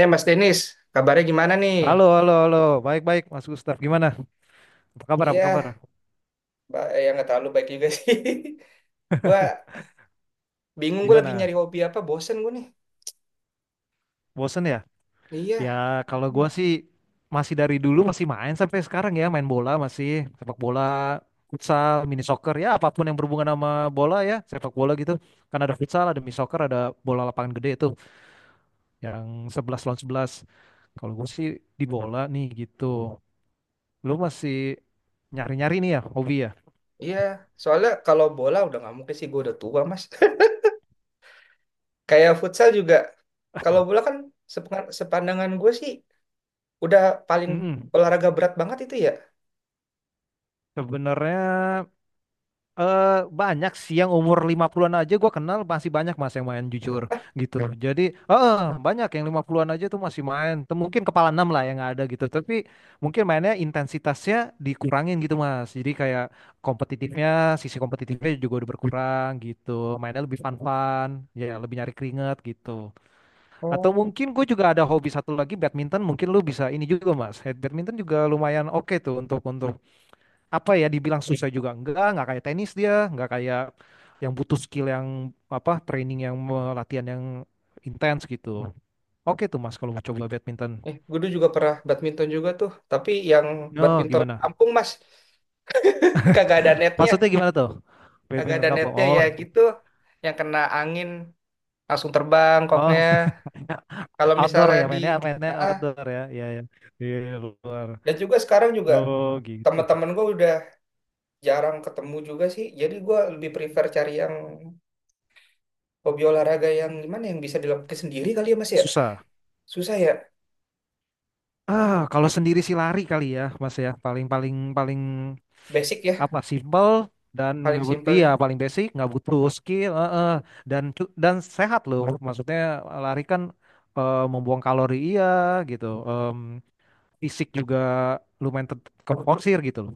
Eh Mas Denis, kabarnya gimana nih? Halo, halo, halo. Baik, baik, Mas Gustaf. Gimana? Apa kabar? Apa kabar? Iya, ya nggak terlalu baik juga sih. Gua bingung, gue lagi Gimana? nyari hobi apa, bosen gue nih. Bosen ya? Iya. Ya, kalau Hmm. gua sih masih dari dulu masih main sampai sekarang ya, main bola masih sepak bola, futsal, mini soccer ya, apapun yang berhubungan sama bola ya, sepak bola gitu. Kan ada futsal, ada mini soccer, ada bola lapangan gede itu yang 11 lawan 11. Kalau gua sih di bola nih gitu. Lu masih nyari-nyari nih ya hobi ya? Iya. Soalnya kalau bola udah nggak mungkin sih, gue udah tua Mas. Kayak futsal juga. Kalau bola kan sepandangan gue sih udah paling Mm. olahraga berat banget itu ya. Sebenarnya Eh, banyak sih yang umur 50-an aja gua kenal masih banyak mas yang main jujur gitu. Hmm. Jadi banyak yang 50-an aja tuh masih main. Tuh mungkin kepala enam lah yang ada gitu. Tapi mungkin mainnya intensitasnya dikurangin gitu mas. Jadi kayak kompetitifnya, sisi kompetitifnya juga udah berkurang gitu. Mainnya lebih fun-fun, ya lebih nyari keringat gitu. Atau Oh. mungkin gue juga ada hobi satu lagi badminton. Mungkin lu bisa ini juga mas. Head badminton juga lumayan oke tuh untuk apa ya dibilang susah juga enggak, nggak kayak tenis, dia nggak kayak yang butuh skill yang apa training yang latihan yang intens gitu. Oke tuh mas kalau mau coba badminton. Eh, gue dulu juga pernah badminton juga tuh, tapi yang No, badminton gimana, kampung Mas, kagak ada netnya, maksudnya gimana tuh kagak badminton ada kampung? netnya Oh, ya gitu, yang kena angin, langsung terbang oh. koknya. Kalau Outdoor misalnya ya, di mainnya, mainnya ah, ah, outdoor ya, ya, ya. Iya, iya, luar. dan juga sekarang juga Oh gitu. teman-teman gue udah jarang ketemu juga sih. Jadi gue lebih prefer cari yang hobi olahraga yang gimana yang bisa dilakukan sendiri kali ya Mas ya. Susah. Susah ya, Ah, kalau sendiri sih lari kali ya mas ya, paling, paling, paling basic ya, apa, simple dan paling nggak simpel iya ya. paling basic, nggak butuh skill, heeh. Dan dan sehat loh, maksudnya lari kan membuang kalori, iya gitu. Fisik juga lumayan terporsir gitu loh.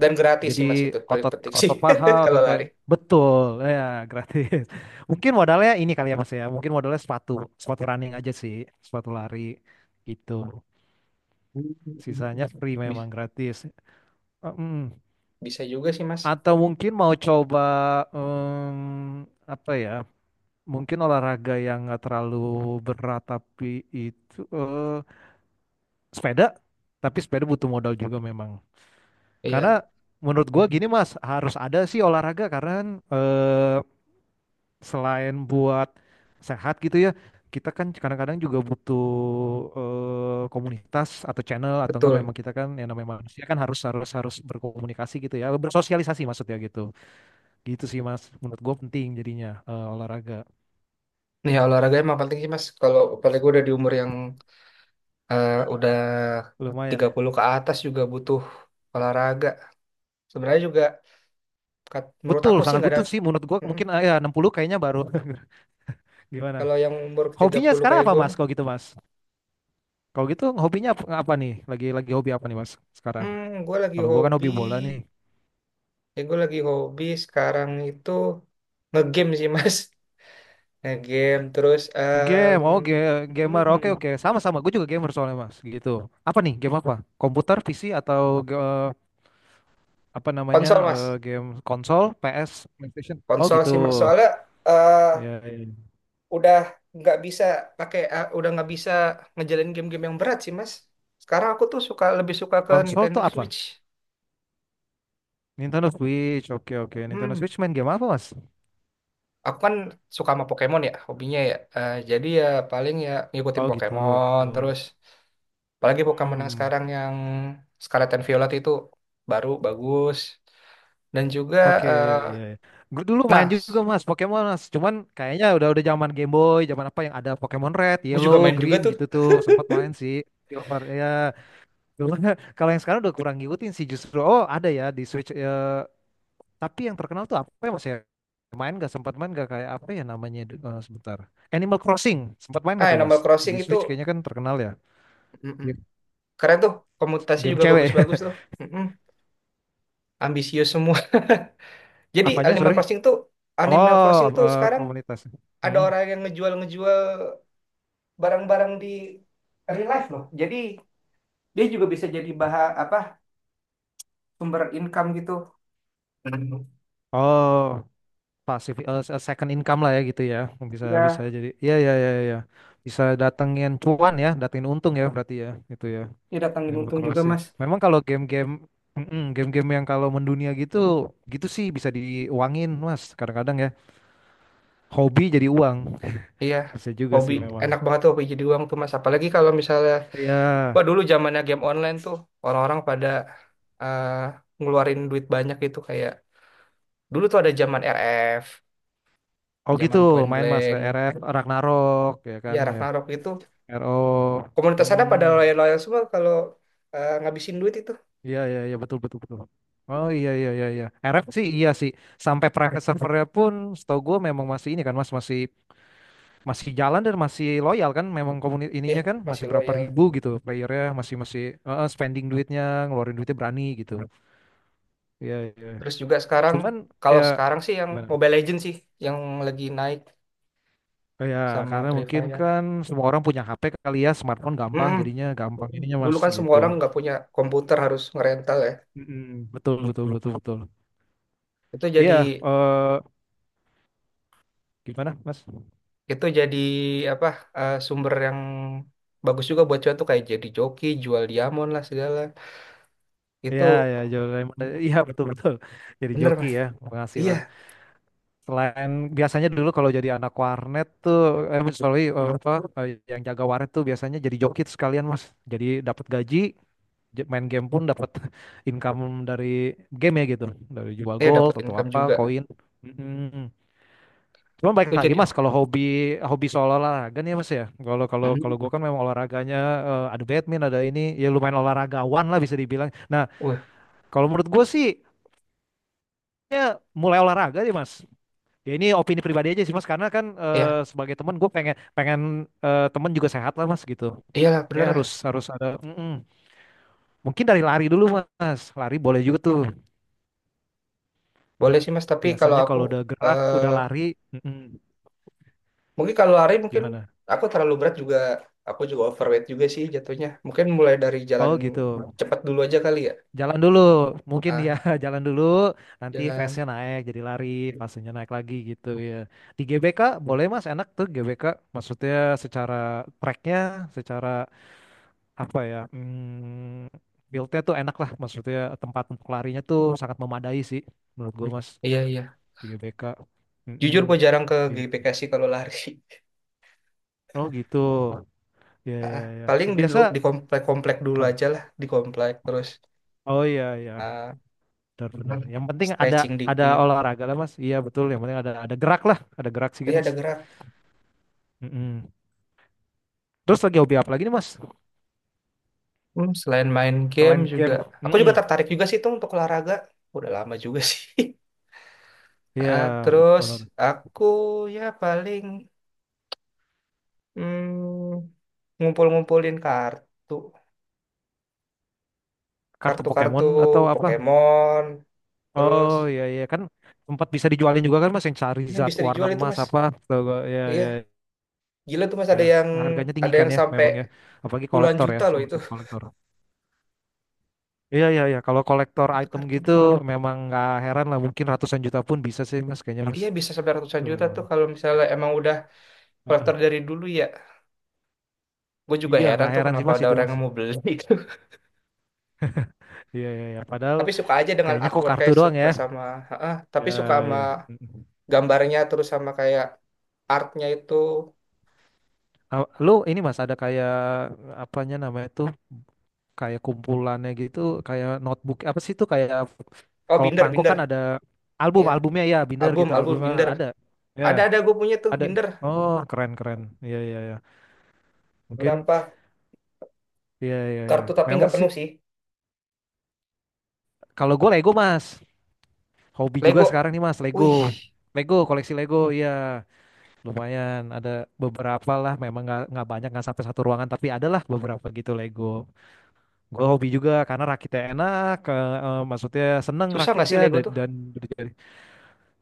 Dan gratis Jadi sih Mas, itu paling otot, penting sih otot paha, kalau otot kayak, lari. betul, ya gratis. Mungkin modalnya ini kali ya mas ya, mungkin modalnya sepatu, sepatu running aja sih, sepatu lari gitu, sisanya free, Bis- memang gratis. Eh, mm. Bisa juga sih Mas. Atau mungkin mau coba em, apa ya? Mungkin olahraga yang nggak terlalu berat tapi itu sepeda. Tapi sepeda butuh modal juga memang. Iya, Karena menurut gua gini Mas, harus ada sih olahraga karena kan, eh, selain buat sehat gitu ya, kita kan kadang-kadang juga butuh komunitas atau channel atau enggak, betul. memang kita kan yang namanya manusia kan harus harus harus berkomunikasi gitu ya, bersosialisasi maksudnya gitu. Gitu sih Mas, menurut gue penting jadinya olahraga. Nih olahraga emang penting sih Mas. Kalau apalagi gue udah di umur yang udah Lumayan tiga ya. puluh ke atas juga butuh olahraga. Sebenarnya juga menurut Betul, aku sih sangat nggak ada. butuh sih menurut gue. Mm-mm. Mungkin ya 60 kayaknya baru gimana. Kalau yang umur tiga Hobinya puluh sekarang kayak apa gue Mas? mah, Kalau gitu Mas. Kalau gitu hobinya apa, apa nih? Lagi hobi apa nih Mas sekarang? hmm, gue lagi Kalau gue kan hobi, hobi bola nih. ya gue lagi hobi sekarang itu ngegame sih mas, ngegame terus Game, oh gamer, mm, oke oke, sama-sama. Gue juga gamer soalnya mas, gitu. Apa nih game apa? Komputer, PC atau ge- eh, apa namanya konsol mas, game konsol, PS, PlayStation? Oh konsol gitu. sih mas soalnya eh, Ya, ya. udah nggak bisa pakai, udah nggak bisa ngejalanin game-game yang berat sih mas. Sekarang aku tuh suka, lebih suka ke Konsol Nintendo tuh apa? Switch. Nintendo Switch, oke oke. Nintendo Hmm, Switch main game apa mas? aku kan suka sama Pokemon ya, hobinya ya. Eh, jadi ya paling ya ngikutin Oh gitu. Pokemon terus. Apalagi Pokemon yang Hmm, sekarang yang Scarlet and Violet itu baru bagus. Dan juga, oke. Iya, eh, iya. Gue dulu main nah, juga mas Pokemon mas. Cuman kayaknya udah zaman Game Boy, zaman apa yang ada Pokemon Red, gue juga Yellow, main juga Green tuh. gitu tuh. Sempat main sih. Silver ya. Cuman kalau yang sekarang udah kurang ngikutin sih justru. Oh ada ya di Switch, ya. Tapi yang terkenal tuh apa ya mas ya? Main gak, sempat main gak kayak apa ya namanya, sebentar. Animal Crossing sempat main Ah, gak tuh mas? Animal Crossing Di itu Switch kayaknya kan terkenal ya. mm-mm, Game, keren tuh. Komutasi game juga cewek. bagus-bagus tuh. Mm-mm. Ambisius semua. Jadi Apanya, sorry? Animal Oh, Crossing tuh eh, sekarang komunitas. ada Hmm. orang yang ngejual-ngejual barang-barang di real life loh. Jadi dia juga bisa jadi bahan apa, sumber income gitu. Hmm. Oh, pasif, second income lah ya gitu ya. Bisa, bisa Ya, jadi. Iya iya iya iya. Bisa datengin cuan ya, datengin untung ya berarti ya. Itu ya. dia datangin Animal untung juga Crossing. mas. Memang kalau game-game, mm-mm, game-game yang kalau mendunia gitu, gitu sih bisa diuangin, Mas. Kadang-kadang ya hobi jadi uang. Iya Bisa juga hobi, sih memang. enak banget tuh hobi jadi uang tuh mas apalagi kalau misalnya Iya. wah dulu zamannya game online tuh orang-orang pada eh, ngeluarin duit banyak gitu kayak dulu tuh ada zaman RF, Oh gitu, zaman Point main Mas Blank. RF, Ragnarok ya kan Ya ya. Ragnarok itu RO. komunitas ada Hmm. pada loyal-loyal semua kalau ngabisin duit itu. Iya iya iya, betul betul betul. Oh iya iya iya iya. RF sih iya sih. Sampai private servernya pun setahu gue memang masih ini kan Mas, masih, masih jalan dan masih loyal kan, memang komunitas Ya ininya kan masih masih berapa loyal. ribu gitu playernya, masih, masih spending duitnya, ngeluarin duitnya berani gitu. Iya iya. Terus juga sekarang, Cuman ya kalau sekarang sih yang gimana? Mobile Legends sih yang lagi naik Ya sama karena Free mungkin Fire. kan semua orang punya HP kali ya, smartphone, gampang Mm-mm. jadinya, gampang ininya Dulu Mas kan semua gitu. orang nggak punya komputer, harus ngerental ya. Mm-mm. Betul betul betul betul. Itu jadi, Iya, eh gimana Mas? itu jadi apa, sumber yang bagus juga buat cuan tuh kayak jadi joki, jual diamond lah segala. Itu Iya, ya, jual remote. mm, Iya, betul betul. Jadi bener joki mas. ya, Iya, penghasilan. Selain biasanya dulu kalau jadi anak warnet tuh, Mas, sorry, eh, yang jaga warnet tuh biasanya jadi joki tuh sekalian mas. Jadi dapat gaji, main game pun dapat income dari game ya gitu, dari jual iya gold dapat atau income apa, juga. koin. Mm-mm. Cuman baik Itu lagi jadi mas, oh, kalau hobi hobi soal olahraga nih ya, mas ya. Kalau kalau kalau mm, gue kan memang olahraganya ada badminton, ada ini, ya lumayan olahragawan lah bisa dibilang. Nah, wah, kalau menurut gue sih kayaknya mulai olahraga sih mas, ya ini opini pribadi aja sih mas, karena kan iya, sebagai teman gue pengen pengen eh, teman juga sehat lah mas gitu, iyalah bener kayak harus lah. harus ada. Mm-mm. Mungkin dari lari dulu mas, lari boleh juga tuh, Boleh sih mas. Tapi kalau biasanya aku kalau udah gerak, udah eh lari, mm-mm, mungkin kalau lari mungkin gimana. aku terlalu berat juga. Aku juga overweight juga sih jatuhnya. Mungkin mulai dari jalan Oh gitu. cepat dulu aja kali ya. Jalan dulu mungkin ya, Ah, jalan dulu nanti pace-nya jalan. naik jadi lari, pace-nya naik lagi gitu ya. Di GBK boleh mas, enak tuh GBK, maksudnya secara tracknya, secara apa ya, hmm, build-nya tuh enak lah, maksudnya tempat untuk larinya tuh sangat memadai sih menurut gue mas, Iya, iya. di GBK. Jujur Mm-mm. gue jarang ke Gitu. GBK sih kalau lari. Oh gitu, ya Ah, ah, ya ya, paling di, biasa. Di komplek-komplek dulu Waduh. aja lah. Di komplek. Terus Oh iya iya, ah, benar benar, yang penting ada stretching ada dikit. olahraga lah mas, iya betul, yang penting ada gerak lah, ada gerak sih Tapi gitu, ada mas. gerak. Mm-mm. Terus lagi hobi apa lagi nih mas, Hmm, selain main game selain juga. game. Aku juga Mm-mm. tertarik juga sih tuh untuk olahraga. Udah lama juga sih. Iya, Ah, terus olahraga, aku ya paling hmm, ngumpul-ngumpulin kartu. kartu Kartu-kartu Pokemon atau apa? Pokemon. Terus Oh iya iya kan, tempat bisa dijualin juga kan Mas, yang ya Charizard bisa warna dijual itu emas mas. apa atau, ya ya Iya. Gila tuh Mas, ya, ada yang, harganya tinggi ada kan yang ya sampai memang ya, apalagi puluhan kolektor ya, juta loh sama itu. sama kolektor. Iya iya iya, kalau kolektor Satu item kartu gitu doang. memang nggak heran lah, mungkin ratusan juta pun bisa sih Mas kayaknya Mas. Iya bisa sampai ratusan Itu juta memang. tuh kalau misalnya emang udah Heeh. kolektor dari dulu ya. Gue juga Iya heran nggak tuh heran sih kenapa Mas ada itu orang Mas. yang mau beli itu. Iya iya iya, padahal Tapi suka aja dengan kayaknya kok artworknya, kartu doang ya. suka sama, heeh, tapi suka Ya, sama ya. Mm-mm. gambarnya terus sama kayak artnya itu. Ah, Lu ini Mas ada kayak apanya namanya tuh, kayak kumpulannya gitu, kayak notebook apa sih itu kayak. Oh, Kalau binder, perangko kan ada album, iya, albumnya ya, Binder album, gitu, albumnya binder. ada. Ya, Ada gue punya tuh ada. binder Oh, keren keren. Iya iya iya. Mungkin berapa iya iya iya. kartu, tapi Memang nggak sih penuh sih. kalau gue Lego, Mas. Hobi juga Lego. sekarang nih, Mas, Wih, Lego. Lego, koleksi Lego, iya. Lumayan ada beberapa lah, memang nggak banyak, nggak sampai satu ruangan, tapi ada lah beberapa gitu Lego. Gue hobi juga karena rakitnya enak, ke, maksudnya seneng susah nggak sih rakitnya Lego dan, tuh? dan.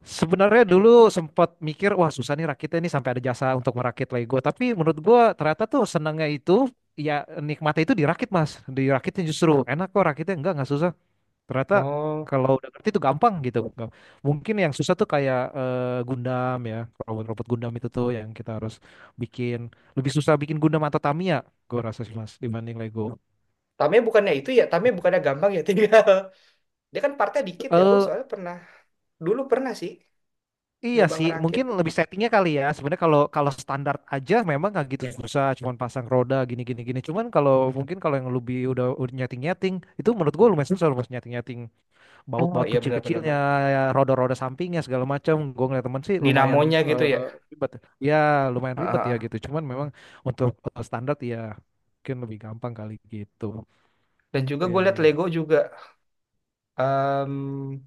Sebenarnya dulu sempat mikir, wah susah nih rakitnya nih sampai ada jasa untuk merakit Lego. Tapi menurut gue ternyata tuh senangnya itu, ya nikmatnya itu dirakit mas. Dirakitnya justru enak kok rakitnya, enggak susah. Ternyata Oh, kalau udah ngerti itu gampang gitu. Mungkin yang susah tuh kayak Gundam ya, robot-robot Gundam itu tuh yang kita harus bikin. Lebih susah bikin Gundam atau Tamiya, gue rasa sih mas, dibanding Lego. Tame bukannya itu ya, Tame bukannya gampang ya tinggal. Dia kan partnya dikit ya, gue Eh soalnya pernah, dulu pernah sih Iya nyoba sih, mungkin ngerakit. lebih settingnya kali ya. Sebenarnya kalau kalau standar aja memang nggak gitu ya, susah, cuman pasang roda gini gini gini. Cuman kalau mungkin kalau yang lebih udah nyeting nyeting, itu menurut gue lumayan susah, lumayan nyeting nyeting baut Oh baut iya kecil kecilnya, benar-benar. ya, roda-roda sampingnya segala macam. Gue ngeliat temen sih lumayan Dinamonya gitu eh, ya. ribet. Ya lumayan Ah, ribet ah, ya ah. gitu. Cuman memang untuk standar ya mungkin lebih gampang kali gitu. Dan juga Iya gue liat iya. Lego juga em,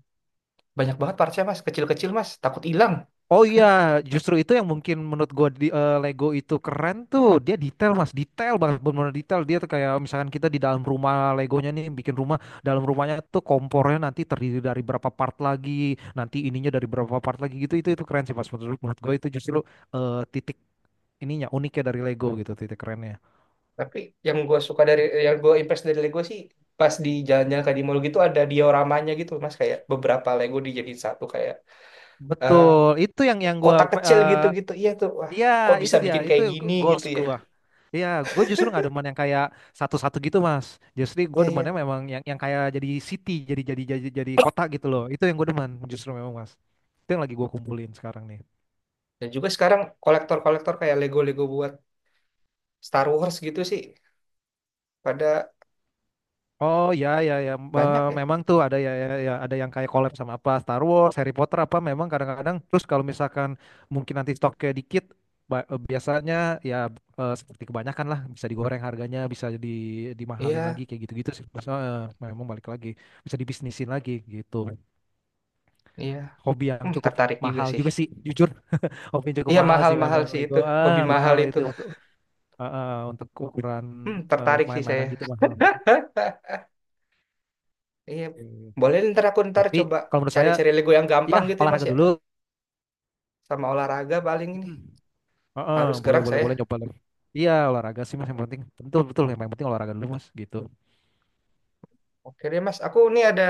banyak banget partnya mas, kecil-kecil mas, takut hilang. Oh iya, justru itu yang mungkin menurut gue di Lego itu keren tuh. Dia detail mas, detail banget, benar-benar detail. Dia tuh kayak misalkan kita di dalam rumah Legonya nih, bikin rumah, dalam rumahnya tuh kompornya nanti terdiri dari berapa part lagi, nanti ininya dari berapa part lagi gitu. Itu keren sih mas. Menurut, menurut gue itu justru titik ininya, uniknya dari Lego gitu, titik kerennya. Tapi yang gue suka dari, yang gue impress dari Lego sih pas di jalan-jalan kayak di mall gitu ada dioramanya gitu mas kayak beberapa Lego dijadiin satu kayak eh, Betul, itu yang gue, kotak kecil gitu-gitu. Iya tuh, wah iya kok itu bisa dia, bikin itu kayak gini goals gitu ya. gue. Iya, gue justru nggak demen yang kayak satu-satu gitu, Mas. Justru gue Iya, iya. demennya memang yang kayak jadi city, jadi kota gitu loh. Itu yang gue demen justru memang, Mas. Itu yang lagi gue kumpulin sekarang nih. Dan juga sekarang kolektor-kolektor kayak Lego-Lego buat Star Wars gitu sih pada Oh ya ya ya, banyak ya. memang tuh ada ya, ya ya, ada yang kayak collab sama apa Star Wars, Harry Potter apa memang kadang-kadang. Terus kalau misalkan mungkin nanti stoknya dikit, biasanya ya seperti kebanyakan lah bisa digoreng harganya, bisa di, dimahalin Iya, lagi kayak gitu-gitu sih. Mas. Memang balik lagi bisa dibisnisin lagi gitu. iya. Hobi yang Hmm, cukup tertarik juga mahal sih. juga sih jujur. Hobi yang cukup Iya mahal sih mahal-mahal memang sih itu, itu, ah hobi mahal mahal itu. itu untuk, untuk ukuran Hmm, tertarik sih saya. main-mainan gitu mahal. Iya, Oke. boleh ntar aku ntar Tapi coba kalau menurut saya cari-cari Lego yang ya gampang gitu ya Mas olahraga ya. dulu. Sama olahraga paling ini. Mm. Heeh, Harus boleh gerak boleh boleh saya. coba lagi, iya olahraga sih mas yang penting, betul betul, yang paling penting olahraga dulu mas gitu. Oke deh Mas, aku ini ada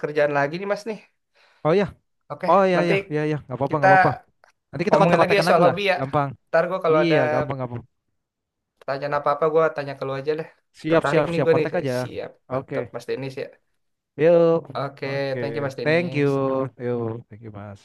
kerjaan lagi nih Mas nih. Oh ya, Oke, oh ya nanti ya ya ya, nggak apa-apa kita nggak apa-apa, nanti kita ngomongin lagi ya kontak-kontakan lagi soal lah, hobi ya. gampang, Ntar gue kalau ada iya gampang gampang, pertanyaan apa-apa gue tanya ke lu aja deh. siap Tertarik siap nih siap, gue nih. kontak aja. Siap, Oke, mantap Mas Denis ya. yuk. Oke, Oke, thank you Mas thank you, Denis. yuk, thank you mas.